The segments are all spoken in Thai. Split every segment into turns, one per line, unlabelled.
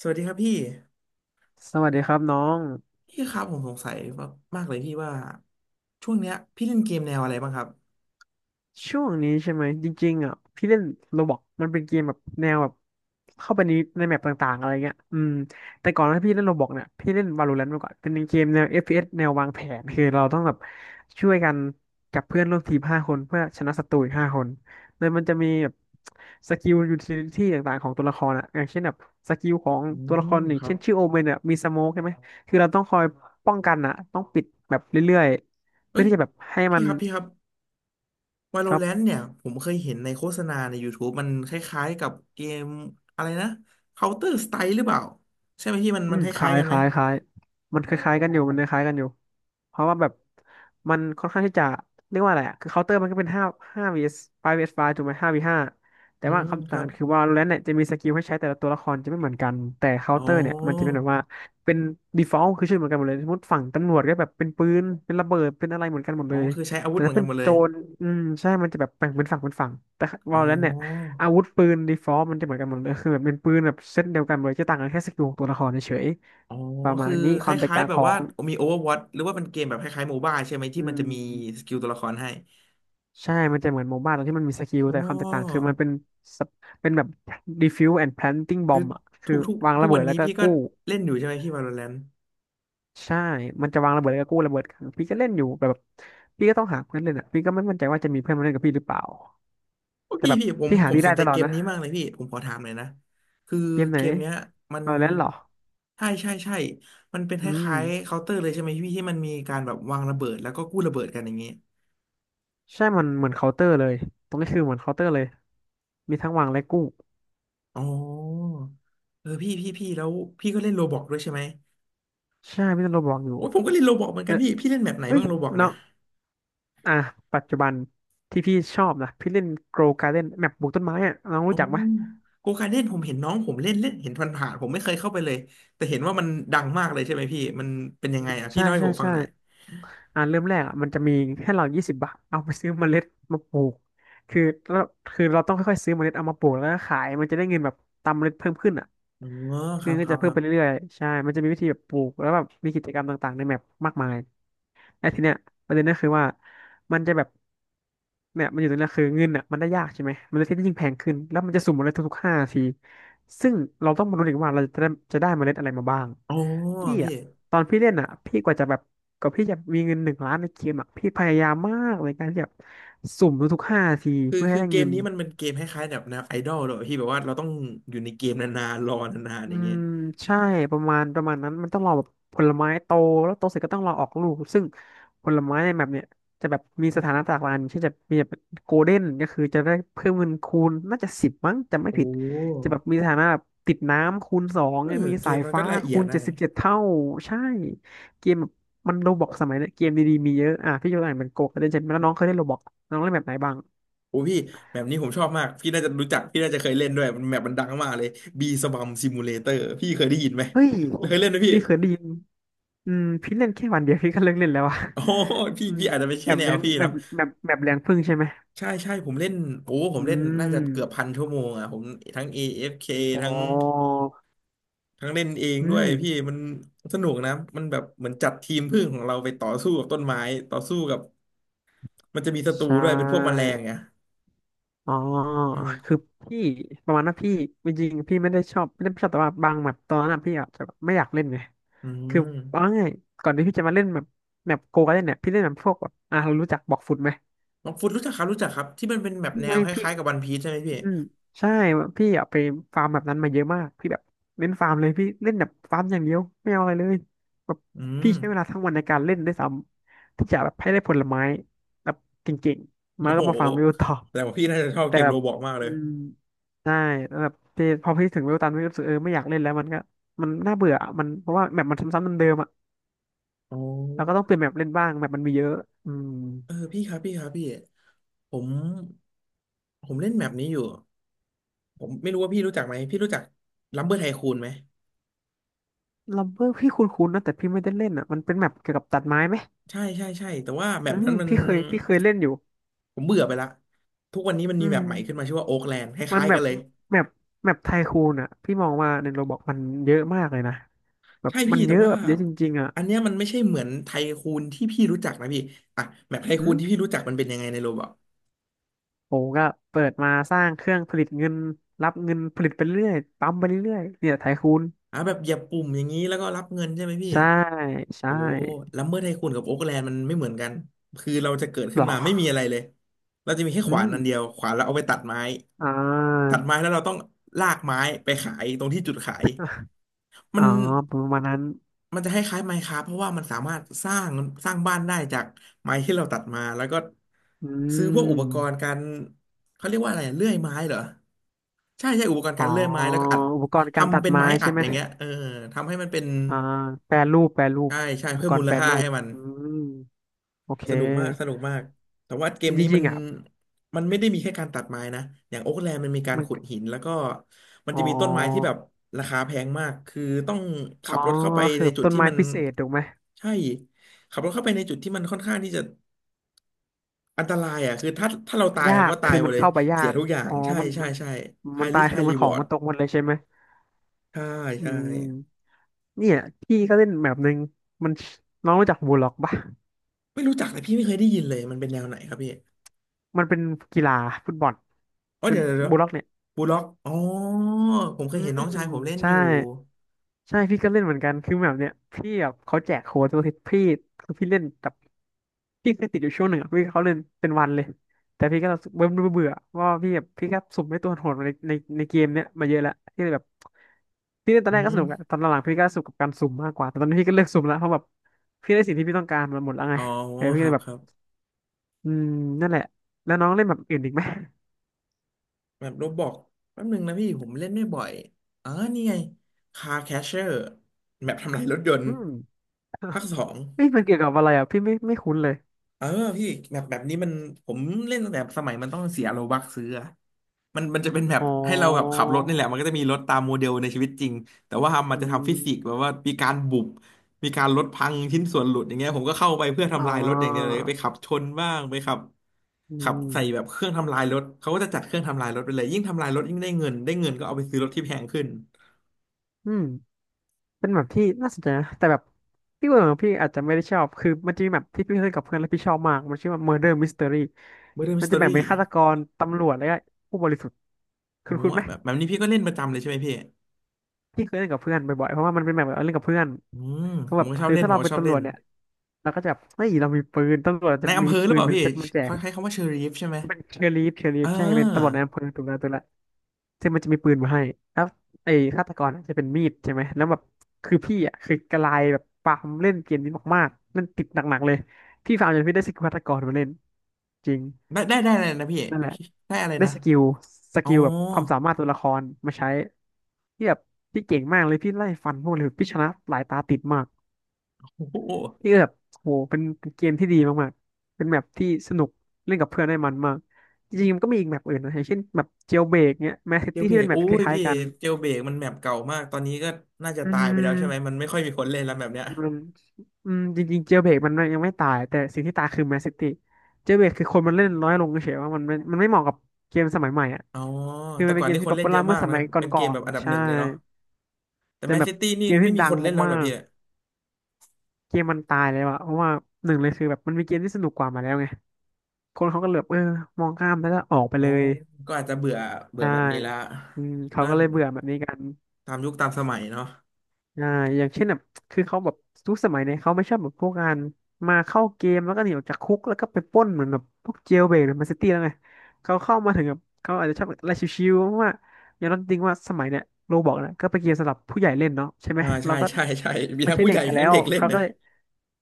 สวัสดีครับพี่
สวัสดีครับน้อง
พี่ครับผมสงสัยมากๆเลยพี่ว่าช่วงเนี้ยพี่เล่นเกมแนวอะไรบ้างครับ
ช่วงนี้ใช่ไหมจริงๆอ่ะพี่เล่นโรบอกมันเป็นเกมแบบแนวแบบเข้าไปในแมปต่างๆอะไรเงี้ยแต่ก่อนที่พี่เล่นโรบอกเนี่ยพี่เล่น Valorant มาก่อนเป็นเกมแนว FPS แนววางแผนคือเราต้องแบบช่วยกันกับเพื่อนร่วมทีมห้าคนเพื่อชนะศัตรูอีกห้าคนโดยมันจะมีแบบสกิลยูทิลิตี้ต่างๆของตัวละครอ่ะอย่างเช่นแบบสกิลของ
อื
ตัวละค
ม
รหนึ่
ค
ง
รั
เช่
บ
นชื่อโอเมนเนี่ยมีสโมกใช่ไหมคือเราต้องคอยป้องกันอ่ะต้องปิดแบบเรื่อยๆเพื่
เอ้
อ
ย
ที่จะแบบให้มั
พี่
น
ครับพี่ครับ
ครับ
Valorant เนี่ยผมเคยเห็นในโฆษณาใน YouTube มันคล้ายๆกับเกมอะไรนะ Counter Strike หรือเปล่าใช่ไหมพี่มัน
อื
มัน
ม
ค
ค
ล้า
ล้า
ยๆ
ย
กันไหม
มันคล้ายๆกันอยู่ มันคล้ายๆกันอยู่ เพราะว่าแบบมันค่อนข้างที่จะเรียกว่าอะไรอะคือเคาน์เตอร์มันก็เป็นห้าvs 5 vs 5ถูกไหมห้า v ห้าแต่
อื
ว่า
ม
คำ
ค
ต่า
รั
ง
บ
คือว่าแล้วเนี่ยจะมีสกิลให้ใช้แต่ละตัวละครจะไม่เหมือนกันแต่เคาน์
อ๋
เต
อ
อร์เนี่ยมันจะเป็นแบบว่าเป็น default คือชื่อเหมือนกันหมดเลยสมมติฝั่งตำรวจก็แบบเป็นปืนเป็นระเบิดเป็นอะไรเหมือนกันหมด
อ๋อ
เลย
คือใช้อาวุ
แต่
ธเหมือ
ถ้า
นกั
เป็น
นหมดเล
โจ
ย
รอืมใช่มันจะแบบแบ่งเป็นฝั่งเป็นฝั่งแต่
อ๋อ
Valorant เนี่ยอาวุธปืน default มันจะเหมือนกันหมดเลยคือแบบเป็นปืนแบบเซตเดียวกันเลยจะต่างกันแค่สกิลของตัวละครเฉย
อ๋อ
ๆประมา
คือ
ณนี้
ค
ความแตก
ล้าย
ต่าง
ๆแบ
ข
บ
อ
ว่า
ง
มี Overwatch หรือว่าเป็นเกมแบบคล้ายๆโมบ b a ใช่ไหมที่
อื
มันจะมีส
ม
กิลตัวละครให้
ใช่มันจะเหมือนโมบ้าตรงที่มันมีสกิล
อ๋
แต่ความแตกต่างคือ
อ
มันเป็นสเปเป็นแบบ defuse and planting
คือ
bomb อ่ะคื
ทุ
อ
กทุก
วาง
ทุก
ระเบิ
วัน
ดแล้
นี้
วก็
พี่ก็
กู้
เล่นอยู่ใช่ไหมพี่ Valorant
ใช่มันจะวางระเบิดแล้วก็กู้ระเบิดกันพี่ก็เล่นอยู่แต่แบบพี่ก็ต้องหาเพื่อนเล่นอ่ะพี่ก็ไม่มั่นใจว่าจะมีเพื่อนมาเล่นกับพี่หรือเปล่า
โอ้
แต่
พี่
แบบ
พี่ผม
พี่
ผ
หา
ม
ที่
ส
ได้
นใจ
ตลอ
เก
ด
ม
นะ
นี้มากเลยพี่ผมขอถามหยนะคือ
เกมไหน
เกมเนี้ยมัน
เอาแล้วเหรอ
ใช่มันเป็นค
อืม
ล้ายๆเคาน์เตอร์เลยใช่ไหมพี่ที่มันมีการแบบวางระเบิดแล้วก็กู้ระเบิดกันอย่างเงี้ย
ใช่มันเหมือนเคาน์เตอร์เลยตรงนี้คือเหมือนเคาน์เตอร์เลยมีทั้งวางและกู้
อ๋อเออพี่พี่พี่แล้วพี่ก็เล่นโรบอกด้วยใช่ไหม
ใช่พี่ต้องระวังอยู่
โอ้ยผมก็เล่นโรบอกเหมือนกั
เอ้
น
ย
พี่พี่เล่นแบบไหน
เอ้ย
บ้างโรบอก
น้อ
นะ
ง อ่ะปัจจุบันที่พี่ชอบนะพี่เล่น Grow Garden แมปปลูกต้นไม้อะน้อง
โอ้
รู้จักไหม
โกการเล่นผมเห็นน้องผมเล่นเล่นเห็นผ่านๆผมไม่เคยเข้าไปเลยแต่เห็นว่ามันดังมากเลยใช่ไหมพี่มันเป็นยังไงอ่ะพี่
ใช่
เล่าให้
ใช่
ผมฟัง
ใช่
หน่อย
อ่ะเริ่มแรกอ่ะมันจะมีให้เรา20 บาทเอาไปซื้อเมล็ดมาปลูกคือเราคือเราต้องค่อยๆซื้อเมล็ดเอามาปลูกแล้วก็ขายมันจะได้เงินแบบตามเมล็ดเพิ่มขึ้นอ่ะ
อ๋อค
คื
รั
อ
บ
ก็
ครั
จะ
บค
เพิ่ม
รั
ไป
บ
เรื่อยๆใช่มันจะมีวิธีแบบปลูกแล้วแบบมีกิจกรรมต่างๆในแมปมากมาย แล้วทีเนี้ยประเด็นก็คือว่ามันจะแบบเนี่ยมันอยู่ตรงเนี้ยคือเงินอ่ะมันได้ยากใช่ไหมมันเลยที่ยิ่งแพงขึ้นแล้วมันจะสุ่มเมล็ดทุกๆห้านาทีซึ่งเราต้องมารู้อีกว่าเราจะได้จะได้เมล็ดอะไรมาบ้าง
อ๋อ
พี่
พี่
อ่ะตอนพี่เล่นอ่ะพี่กว่าจะแบบกว่าพี่จะมีเงิน1,000,000ในเกมอ่ะพี่พยายามมากในการที่จะสุ่มทุกๆห้านาที
คือ
เพื่อให้
คือ
ได้
เกม
เงิน
นี้มันเป็นเกมคล้ายๆแบบแนวไอดอลเลยหรอพี่แบบว่าเราต้องอยู่ในเกมนานๆรอนานๆ
อื
อย่างเงี้ย
มใช่ประมาณนั้นมันต้องรอแบบผลไม้โตแล้วโตเสร็จก็ต้องรอออกลูกซึ่งผลไม้ในแบบเนี้ยจะแบบมีสถานะต่างกันเช่นจะมีแบบโกลเด้นก็คือจะได้เพิ่มเงินคูณน่าจะสิบมั้งจำไม่
โอ้
ผิดจะแบบมีสถานะแบบติดน้ำคูณ 2
เออ
เนี่ยมี
เก
สา
ม
ย
มันก็
ฟ้า
ละเอี
คู
ยด
ณ
นะ
เจ็ดสิบเจ็ดเท่าใช่เกมแบบมันโรบอกสมัยเนี้ยเกมดีๆมีเยอะอ่ะพี่ยกตัวอย่างเป็นโกลเด้นใช่ไหมแล้วน้องเคยเล่นโรบอกน้องเล่นแบบไหนบ้าง
โอ้พี่แบบนี้ผมชอบมากพี่น่าจะรู้จักพี่น่าจะเคยเล่นด้วยมันแบบมันดังมากเลยบีสบัมซิมูเลเตอร์พี่เคยได้ยินไหม
เฮ้ย
เคยเล่นไหมพี่
พี่เคยได้ยินอืมพี่เล่นแค่วันเดียวพี่ก็เลิกเล่นแล้วอะ
โอ้ พี่
อืม
พี่อาจจะไม่
แบ
ใช่
บ
แน
แร
ว
ง
พี่เนอะ
แบบแรงพึ่งใช่ไหม
ใช่ใช่ผมเล่นโอ้ผม
อื
เล่นน่าจะเกือบพั
ม
นชั่วโมงอ่ะผมทั้ง AFK
อ๋
ทั้ง
อ
ทั้งเล่นเอง
อื
ด้วย
ม
พี่มันสนุกนะมันแบบเหมือนจัดทีมพึ่งของเราไปต่อสู้กับต้นไม้ต่อสู้กับมันจะมีศัตรู
ใช่
ด้วยเป็นพวกแมลงไง
อ๋อ
อืม
คือพี่ประมาณว่าพี่จริงๆพี่ไม่ได้ชอบแต่ว่าบางแบบตอนนั้นอะพี่อาจจะแบบไม่อยากเล่นไง
อื
คือเอา
ม
ง่ายๆก่อนที่พี่จะมาเล่นแบบโกกันเนี่ยพี่เล่นแบบพวกแบบอ่ะเรารู้จักบอกฟุตไหม
มังคุดรู้จักครับรู้จักครับที่มันเป็นแบบแนว
ไม่
ค
พี่
ล้ายๆกับวันพีชใช่ไหมพี่
อืมใช่พี่อยากไปฟาร์มแบบนั้นมาเยอะมากพี่แบบเล่นฟาร์มเลยพี่เล่นแบบฟาร์มอย่างเดียวไม่เอาอะไรเลยแบบ
อืม
พี่ใช้เวลาทั้งวันในการเล่นด้วยซ้ำที่จะแบบให้ได้ผลไม้แบบเก่งๆ
โอ้
มา
โห
ก็มาฟาร์มวิวต่อ
แต่ว่าพี่น่าจะชอบ
แต่
เกม
แบ
โร
บ
บล็อกมาก
อื
เลย
มใช่แล้วแบบพอพี่ถึงวิวตันพี่รู้สึกเออไม่อยากเล่นแล้วมันก็มันน่าเบื่ออะมันเพราะว่าแบบมันซ้ำๆเดิมๆอ่ะ
อ๋อ
เราก็ต้องเปลี่ยนแมปเล่นบ้างแบบมันมีเยอะอืม
เออพี่ครับพี่ครับพี่ผมผมเล่นแมปนี้อยู่ ผมไม่รู้ว่าพี่รู้จักไหมพี่รู้จักลัมเบอร์ไทคูนไหม
ลัมเบอร์พี่คุ้นๆนะแต่พี่ไม่ได้เล่นอ่ะมันเป็นแมปเกี่ยวกับตัดไม้ไหม
ใช่ใช่ใช่แต่ว่าแม
อื
ป
ม
นั้นมัน
พี่เคยเล่นอยู่
ผมเบื่อไปละทุกวันนี้มัน
อื
มีแม
ม
ปใหม่ขึ้นมาชื่อว่าโอ๊กแลนด์ค
มัน
ล้ายๆ
แบ
กัน
บ
เลย
แมปแมปไทคูนอ่ะพี่มองว่าในโรบอกมันเยอะมากเลยนะแบบ
ใช่
มั
พี่
นเย
แต่
อะ
ว่า
แบบเยอะจริงๆอ่ะ
อันเนี้ยมันไม่ใช่เหมือนไทคูนที่พี่รู้จักนะพี่อ่ะแมปไท
อื
คูน
ม
ที่พี่รู้จักมันเป็นยังไงในโรบอท
ผมก็เปิดมาสร้างเครื่องผลิตเงินรับเงินผลิตไปเรื่อยปั๊มไปเรื่อยเนี่ยไทคูน
อ่ะแบบเหยียบปุ่มอย่างนี้แล้วก็รับเงินใช่ไหมพี่
ใช่
โอ้
ใช่
ลัมเบอร์ไทคูนกับโอ๊กแลนด์มันไม่เหมือนกันคือเราจะเกิด
หร
ขึ้น
อ
มาไม่มีอะไรเลยเราจะมีแค่
อื
ขวา
ม
นอันเดียวขวานเราเอาไปตัดไม้
อ่
ตั
า
ดไม้แล้วเราต้องลากไม้ไปขายตรงที่จุดขายมั
อ๋อ
น
ประมาณนั้น
มันจะคล้ายๆไม้คราฟเพราะว่ามันสามารถสร้างบ้านได้จากไม้ที่เราตัดมาแล้วก็
อื
ซื้อพวกอุปกร
ม
ณ์การเขาเรียกว่าอะไรเลื่อยไม้เหรอใช่ใช่อุปกรณ์
อ๋อ
การเลื่อยไม้แล้วก็อัด
อุปกรณ์การตั
ทำ
ด
เป็น
ไม้
ไม้อั
ใช่
ด
ไหม
อย่างเงี้ยเออทำให้มันเป็น
อ่าแปรรูปแปรรูป
ใช่ใช่
อุป
เพิ่ม
กร
มู
ณ์
ล
แปร
ค่า
รูป
ให้มัน
อืม โอเค
สนุกมากสนุกมากแต่ว่าเกม
จ
นี้มั
ริง
น
ๆอ่ะ
มันไม่ได้มีแค่การตัดไม้นะอย่างโอ๊กแลนด์มันมีการ
มัน
ขุดหินแล้วก็มัน
อ๋อ
จะมีต้นไม้ที่แบบราคาแพงมากคือต้อง
อ๋
ขั
อ
บรถเข้าไป
คือ
ในจุด
ต้น
ที่
ไม้
มัน
พิเศษถูกไหม
ใช่ขับรถเข้าไปในจุดที่มันค่อนข้างที่จะอันตรายอ่ะคือถ้าเราตาย
ยา
เรา
ก
ก็ตา
คื
ย
อ
หม
มั
ด
น
เลย
เข้าไปยา
เสีย
ก
ทุกอย่าง
อ๋อ
ใช่
มัน
ใช่
มัน
ใช่
มัน
high
ตาย
risk
คือ
high
มันของ
reward
มันตกหมดเลยใช่ไหม
ใช่
อื
ใช่
มเนี่ยพี่ก็เล่นแบบหนึ่งมันน้องรู้จักบูลล็อกปะ
ไม่รู้จักเลยพี่ไม่เคยได้ยินเลยมันเป็นแนวไหนครับพี่
มันเป็นกีฬาฟุตบอล
อ๋อ
เป็น
เดี๋ยวเดี๋ยว
บูลล็อกเนี่ย
บูล็อกอ๋อผมเค
อื
ยเห็น
ม
น้องชายผมเล่น
ใช่
อยู่
ใช่พี่ก็เล่นเหมือนกันคือแบบเนี้ยพี่แบบเขาแจกโค้ดตัวทิศพี่คือพี่เล่นแบบพี่เคยติดอยู่ช่วงหนึ่งอะพี่เขาเล่นเป็นวันเลยแต่พี่ก็รู้สึกเบื่อเบื่อว่าพี่แบบพี่ก็สุ่มให้ตัวโหดมาในเกมเนี้ยมาเยอะแล้วพี่เลยแบบพี่เล่นตอน
อื
แรกก็
ม
สนุกอะตอนหลังๆพี่ก็สนุกกับการสุ่มมากกว่าแต่ตอนนี้พี่ก็เลิกสุ่มแล้วเพราะแบบพี่ได้สิ่งที่พี่ต้องการมาหมดแล้วไง
อ๋อ
เออพี่
ค
ก็
รั
เล
บ
ยแบ
ค
บ
รับ
อืมนั่นแหละแล้วน้องเล่นแบบอื่นอีกไหม
แบบโรบอกแป๊บหนึงนะพี่ผมเล่นไม่บ่อยอ๋อนี่ไง Car Catcher แบบทำลายรถยนต์
อืม
ภา คสอง
เมันเกี่ยวกับอะไรอ่ะพี่ไม่ไม่คุ้นเลย
เออพี่แบบแบบนี้มันผมเล่นตั้งแต่สมัยมันต้องเสียโลบักซื้ออะมันจะเป็นแบบ
อ๋
ให้เราแบบ
อ
ขับรถนี่แหละมันก็จะมีรถตามโมเดลในชีวิตจริง แต่ว่ามัน
อื
จะทำฟิ
ม
สิกส์แบบว่ามีการบุบมีการรถพังชิ้นส่วนหลุดอย่างเงี้ยผมก็เข้าไปเพื่อ
อ๋
ทำลายรถอย่างเดียวเล
อ
ยไปขับชนบ้างไปขับ
อื
ขับใส่แบ
ม
บเครื่องทำลายรถเขาก็จะจัดเครื่องทำลายรถไปเลยยิ่งทำลายรถยิ่งได้เงินได้เงินก็เอาไปซื้อรถที่แพงขึ้น
อืมเป็นแบบที่น่าสนใจนะแต่แบบพี่เบื่อของพี่อาจจะไม่ได้ชอบคือมันจะมีแบบที่พี่เคยกับเพื่อนแล้วพี่ชอบมากมันชื่อว่า Murder Mystery
Murder
มันจะแบ่งเป็นฆาต
Mystery
กรตำรวจแล้วก็ผู้บริสุทธิ์คุ
โอ้
ณคุ
โห
ณไหม
แบบนี้พี่ก็เล่นประจำเลยใช่ไหมพี่
พี่เคยเล่นกับเพื่อนบ่อยๆเพราะว่ามันเป็นแบบเอล่นกับเพื่อน
อืม
เพ
ผ
ราะแบ
ม
บ
ก็ชอบ
คือ
เล่น
ถ้า
ผม
เรา
ก็
เป็น
ชอบ
ตำ
เล่
รว
น
จเนี่ยเราก็จะแบบเฮ้ยเรามีปืนตำรวจจะ
ในอำ
มี
เภอหรื
ปื
อเป
น
ล่า
เป็น
พี่
เซตมาแจก
เขาใช้คำว่าเชอรีฟใช่ไหม
เป็นเชอรลีฟเชอรลี
เอ
ฟใช่เป็นตำรว
อ
จในอำเภอตุลาตุลา ซึ่งมันจะมีปืนมาให้แล้วไอ้ฆาตกรน่ะจะเป็นมีดใช่ไหมแล้วแบบคือพี่อ่ะคือกระลายแบบปามเล่นเกมนี้มากๆเล่นติดหนักๆเลยพี่ฟาร์มจนพี่ได้สกิลฆาตกรมาเล่นจริง
ได้อะไรนะพี่
นั่นแหละ
ได้อะไร
ได้
นะ
สกิลส
อ๋อ
กิลแบบความสามารถตัวละครมาใช้ที่แบบพี่เก่งมากเลยพี่ไล่ฟันพวกเลยพี่ชนะหลายตาติดมาก
โอ้โห
พี่ก็แบบโหเป็นเกมที่ดีมากๆเป็นแมปที่สนุกเล่นกับเพื่อนได้มันมากจริงๆมันก็มีอีกแมปอื่นนะอย่างเช่นแบบเจลเบรกเนี้ยแมสซิ
เจล
ตี้
เบร
ที่เป็
ก
นแม
โอ้
ปค
ย
ล้าย
พี่
ๆกัน
เจลเบรกมันแมปเก่ามากตอนนี้ก็น่าจะ
อื
ตายไปแล้วใช่ไหมมั
ม
นไม่ค่อยมีคนเล่นแล้วแบบเนี้ย
มันอืมจริงๆเจลเบรกมันยังไม่ตายแต่สิ่งที่ตายคือแมนซิตี้เจลเบรกคือคนมันเล่นน้อยลงเฉยๆว่ามันไม่เหมาะกับเกมสมัยใหม่อ่ะ
อ๋อ
คือ
แต่
มันเป็
ก่อ
น
น
เกม
นี่ค
ที่
น
ป๊อป
เล่
ปู
นเย
ล่า
อะ
เมื่
มา
อ
ก
ส
นะ
มัยก
เป็นเก
่อ
มแบ
น
บอันดั
ๆ
บ
ใช่
หนึ่งเลยเนาะ แต่
แต่
แมน
แบบ
ซิตี้นี่
เกม
ไม่
ที่
มี
ดั
ค
ง
นเล่นแล้วเห
มา
รอ
ก
พี่
ๆเกมมันตายเลยว่ะเพราะว่าหนึ่งเลยคือแบบมันมีเกมที่สนุกกว่ามาแล้วไงคนเขาก็เหลือบเออมองข้ามแล้วก็ออกไป
อ๋อ
เลย
ก็อาจจะเบื่อเบื่อ
ใช่
แบบนี้ละ
อืมเขา
ก็
ก็เลยเบื่อแบบนี้กัน
ตามยุคตามสมัยเนาะ
อ่าอย่างเช่นแบบคือเขาแบบทุกสมัยเนี่ยเขาไม่ชอบแบบพวกการมาเข้าเกมแล้วก็หนีออกจากคุกแล้วก็ไปปล้นเหมือนแบบพวกเจลเบรกหรือแมนซิตี้แล้วไงเขาเข้ามาถึงแบบเขาอาจจะชอบอะไรชิวๆเพราะว่าอย่างนั้นจริงว่าสมัยเนี่ยโรบอกนะก็เป็นเกมสำหรับผู้ใหญ่เล่นเนาะใช่ไหม
อ่า
เรา
ใช่
ก็
ใช่ใช่มี
ไม่
ทั้ง
ใช่
ผู้
เด็
ให
ก
ญ่
กัน
ทั้
แล้
ง
ว
เด็กเล่น
เขาก็
นะ
เลย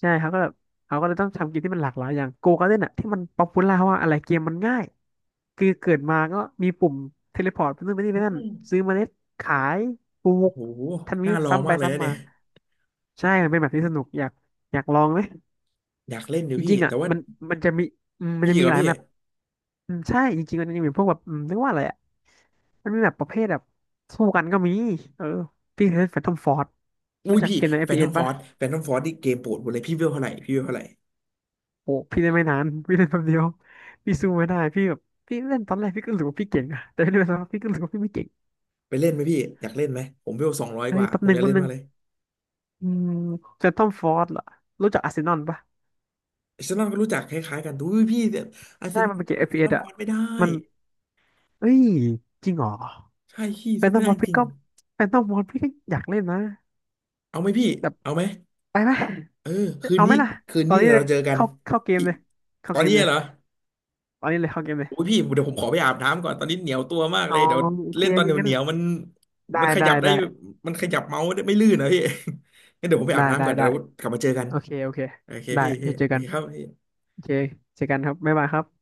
ใช่เขาก็แบบเขาก็เลยต้องทำเกมที่มันหลากหลายอย่างโกการ์เด้นอะที่มันป๊อปปูล่าว่าอะไรเกมมันง่ายคือเกิดมาก็มีปุ่มเทเลพอร์ตไปนู่นไปนี่
อื
ไปนั่นซื้อ
ม
เมล็ดขายปลู
โอ้
ก
โห
ทันนี้
น่าลอง
ซ้ำไป
มากเลยนะ
ซ้ำมา
เนี่ย
ใช่มันเป็นแบบที่สนุกอยากอยากลองไหม
อยากเล่นเดี๋ย
จ
วพี่
ริงๆ
แต่
อ่ะ
ว่า
มันมันจะมีมั
มี
นจะ
อีกเห
มี
รอ
หลาย
พี่
แมปอืมใช่จริงๆมันจะมีพวกแบบเรียกว่าอะไรอ่ะมันมีแบบประเภทแบบสู้กันก็มีเออพี่เคยเล่นแฟนทอมฟอร์ด
อุ้
รู้
ย
จัก
พี่
เกมใน
แฟนทอม
FPS
ฟอ
ป่ะ
ร์ดแฟนทอมฟอร์ดนี่เกมโปรดผมเลยพี่เวลเท่าไหร่พี่เวลเท่าไหร่
โอ้พี่เล่นไม่นานพี่เล่นแป๊บเดียวพี่สู้ไม่ได้พี่แบบพี่เล่นตอนแรกพี่ก็รู้ว่าพี่เก่งอะแต่เล่นไปสักพักพี่ก็รู้ว่าพี่ไม่เก่ง
ไปเล่นไหมพี่ อยากเล่นไหม ผมเวล200
เฮ้
ก
ย
ว่า
แป๊บ
ผ
ห
ม
นึ่
อ
ง
ยาก
แป๊
เล่
บ
น
หนึ่
มา
ง
กเลย
อืมแฟนทอมฟอร์ดเหรอรู้จักอาร์เซนอลป่ะ
อาร์เซนอลก็รู้จักคล้ายๆกันดูพี่เนี่ยอาร์เซ
ใช่
นอ
มัน
ล
เป็นเกม
สู้แฟนทอ
FPS อฟ
ม
พีเอส
ฟ
อ่ะ
อร์ดไม่ได้
มันเอ้ยจริงเหรอ
ใช่พี่
แฟ
สู้
นตา
ไม่
บอ
ได้
ล
จ
พี่
ริง
ก็แฟนตาบอลพี่ก็อยากเล่นนะ
เอาไหมพี่
แบบ
เอาไหม
ไปไหม
เออคืน
เอาไหม
นี้
ล่ะ
คืน
ตอ
นี้
นนี้
เดี๋ยว
เล
เรา
ย
เจอกัน
เข้าเกม
พี่
เลยเข้า
ตอน
เกม
นี้
เลย
เหรอ
ตอนนี้เลยเข้าเกมเลย
โอ้ยพี่เดี๋ยวผมขอไปอาบน้ำก่อนตอนนี้เหนียวตัวมาก
อ๋
เล
อ
ยเดี๋ยว
โอเค
เล่น
โอ
ตอน
เค
เหนียวเห
งั้น
นียวมัน
ได้
มันข
ได้
ยับได้
ได้
มันขยับเมาส์ได้ไม่ลื่นนะพี่ งั้นเดี๋ยวผมไป
ได้
อาบน้ำ
ได้
ก่อนเดี๋ย
ได้
วกลับมาเจอกัน
โอเคโอเค
โอเค
ได้
พี่
เดี๋ยวเจอ
โอ
กั
เค
น
ครับพี่
โอเคเจอกันครับบ๊ายบายครับ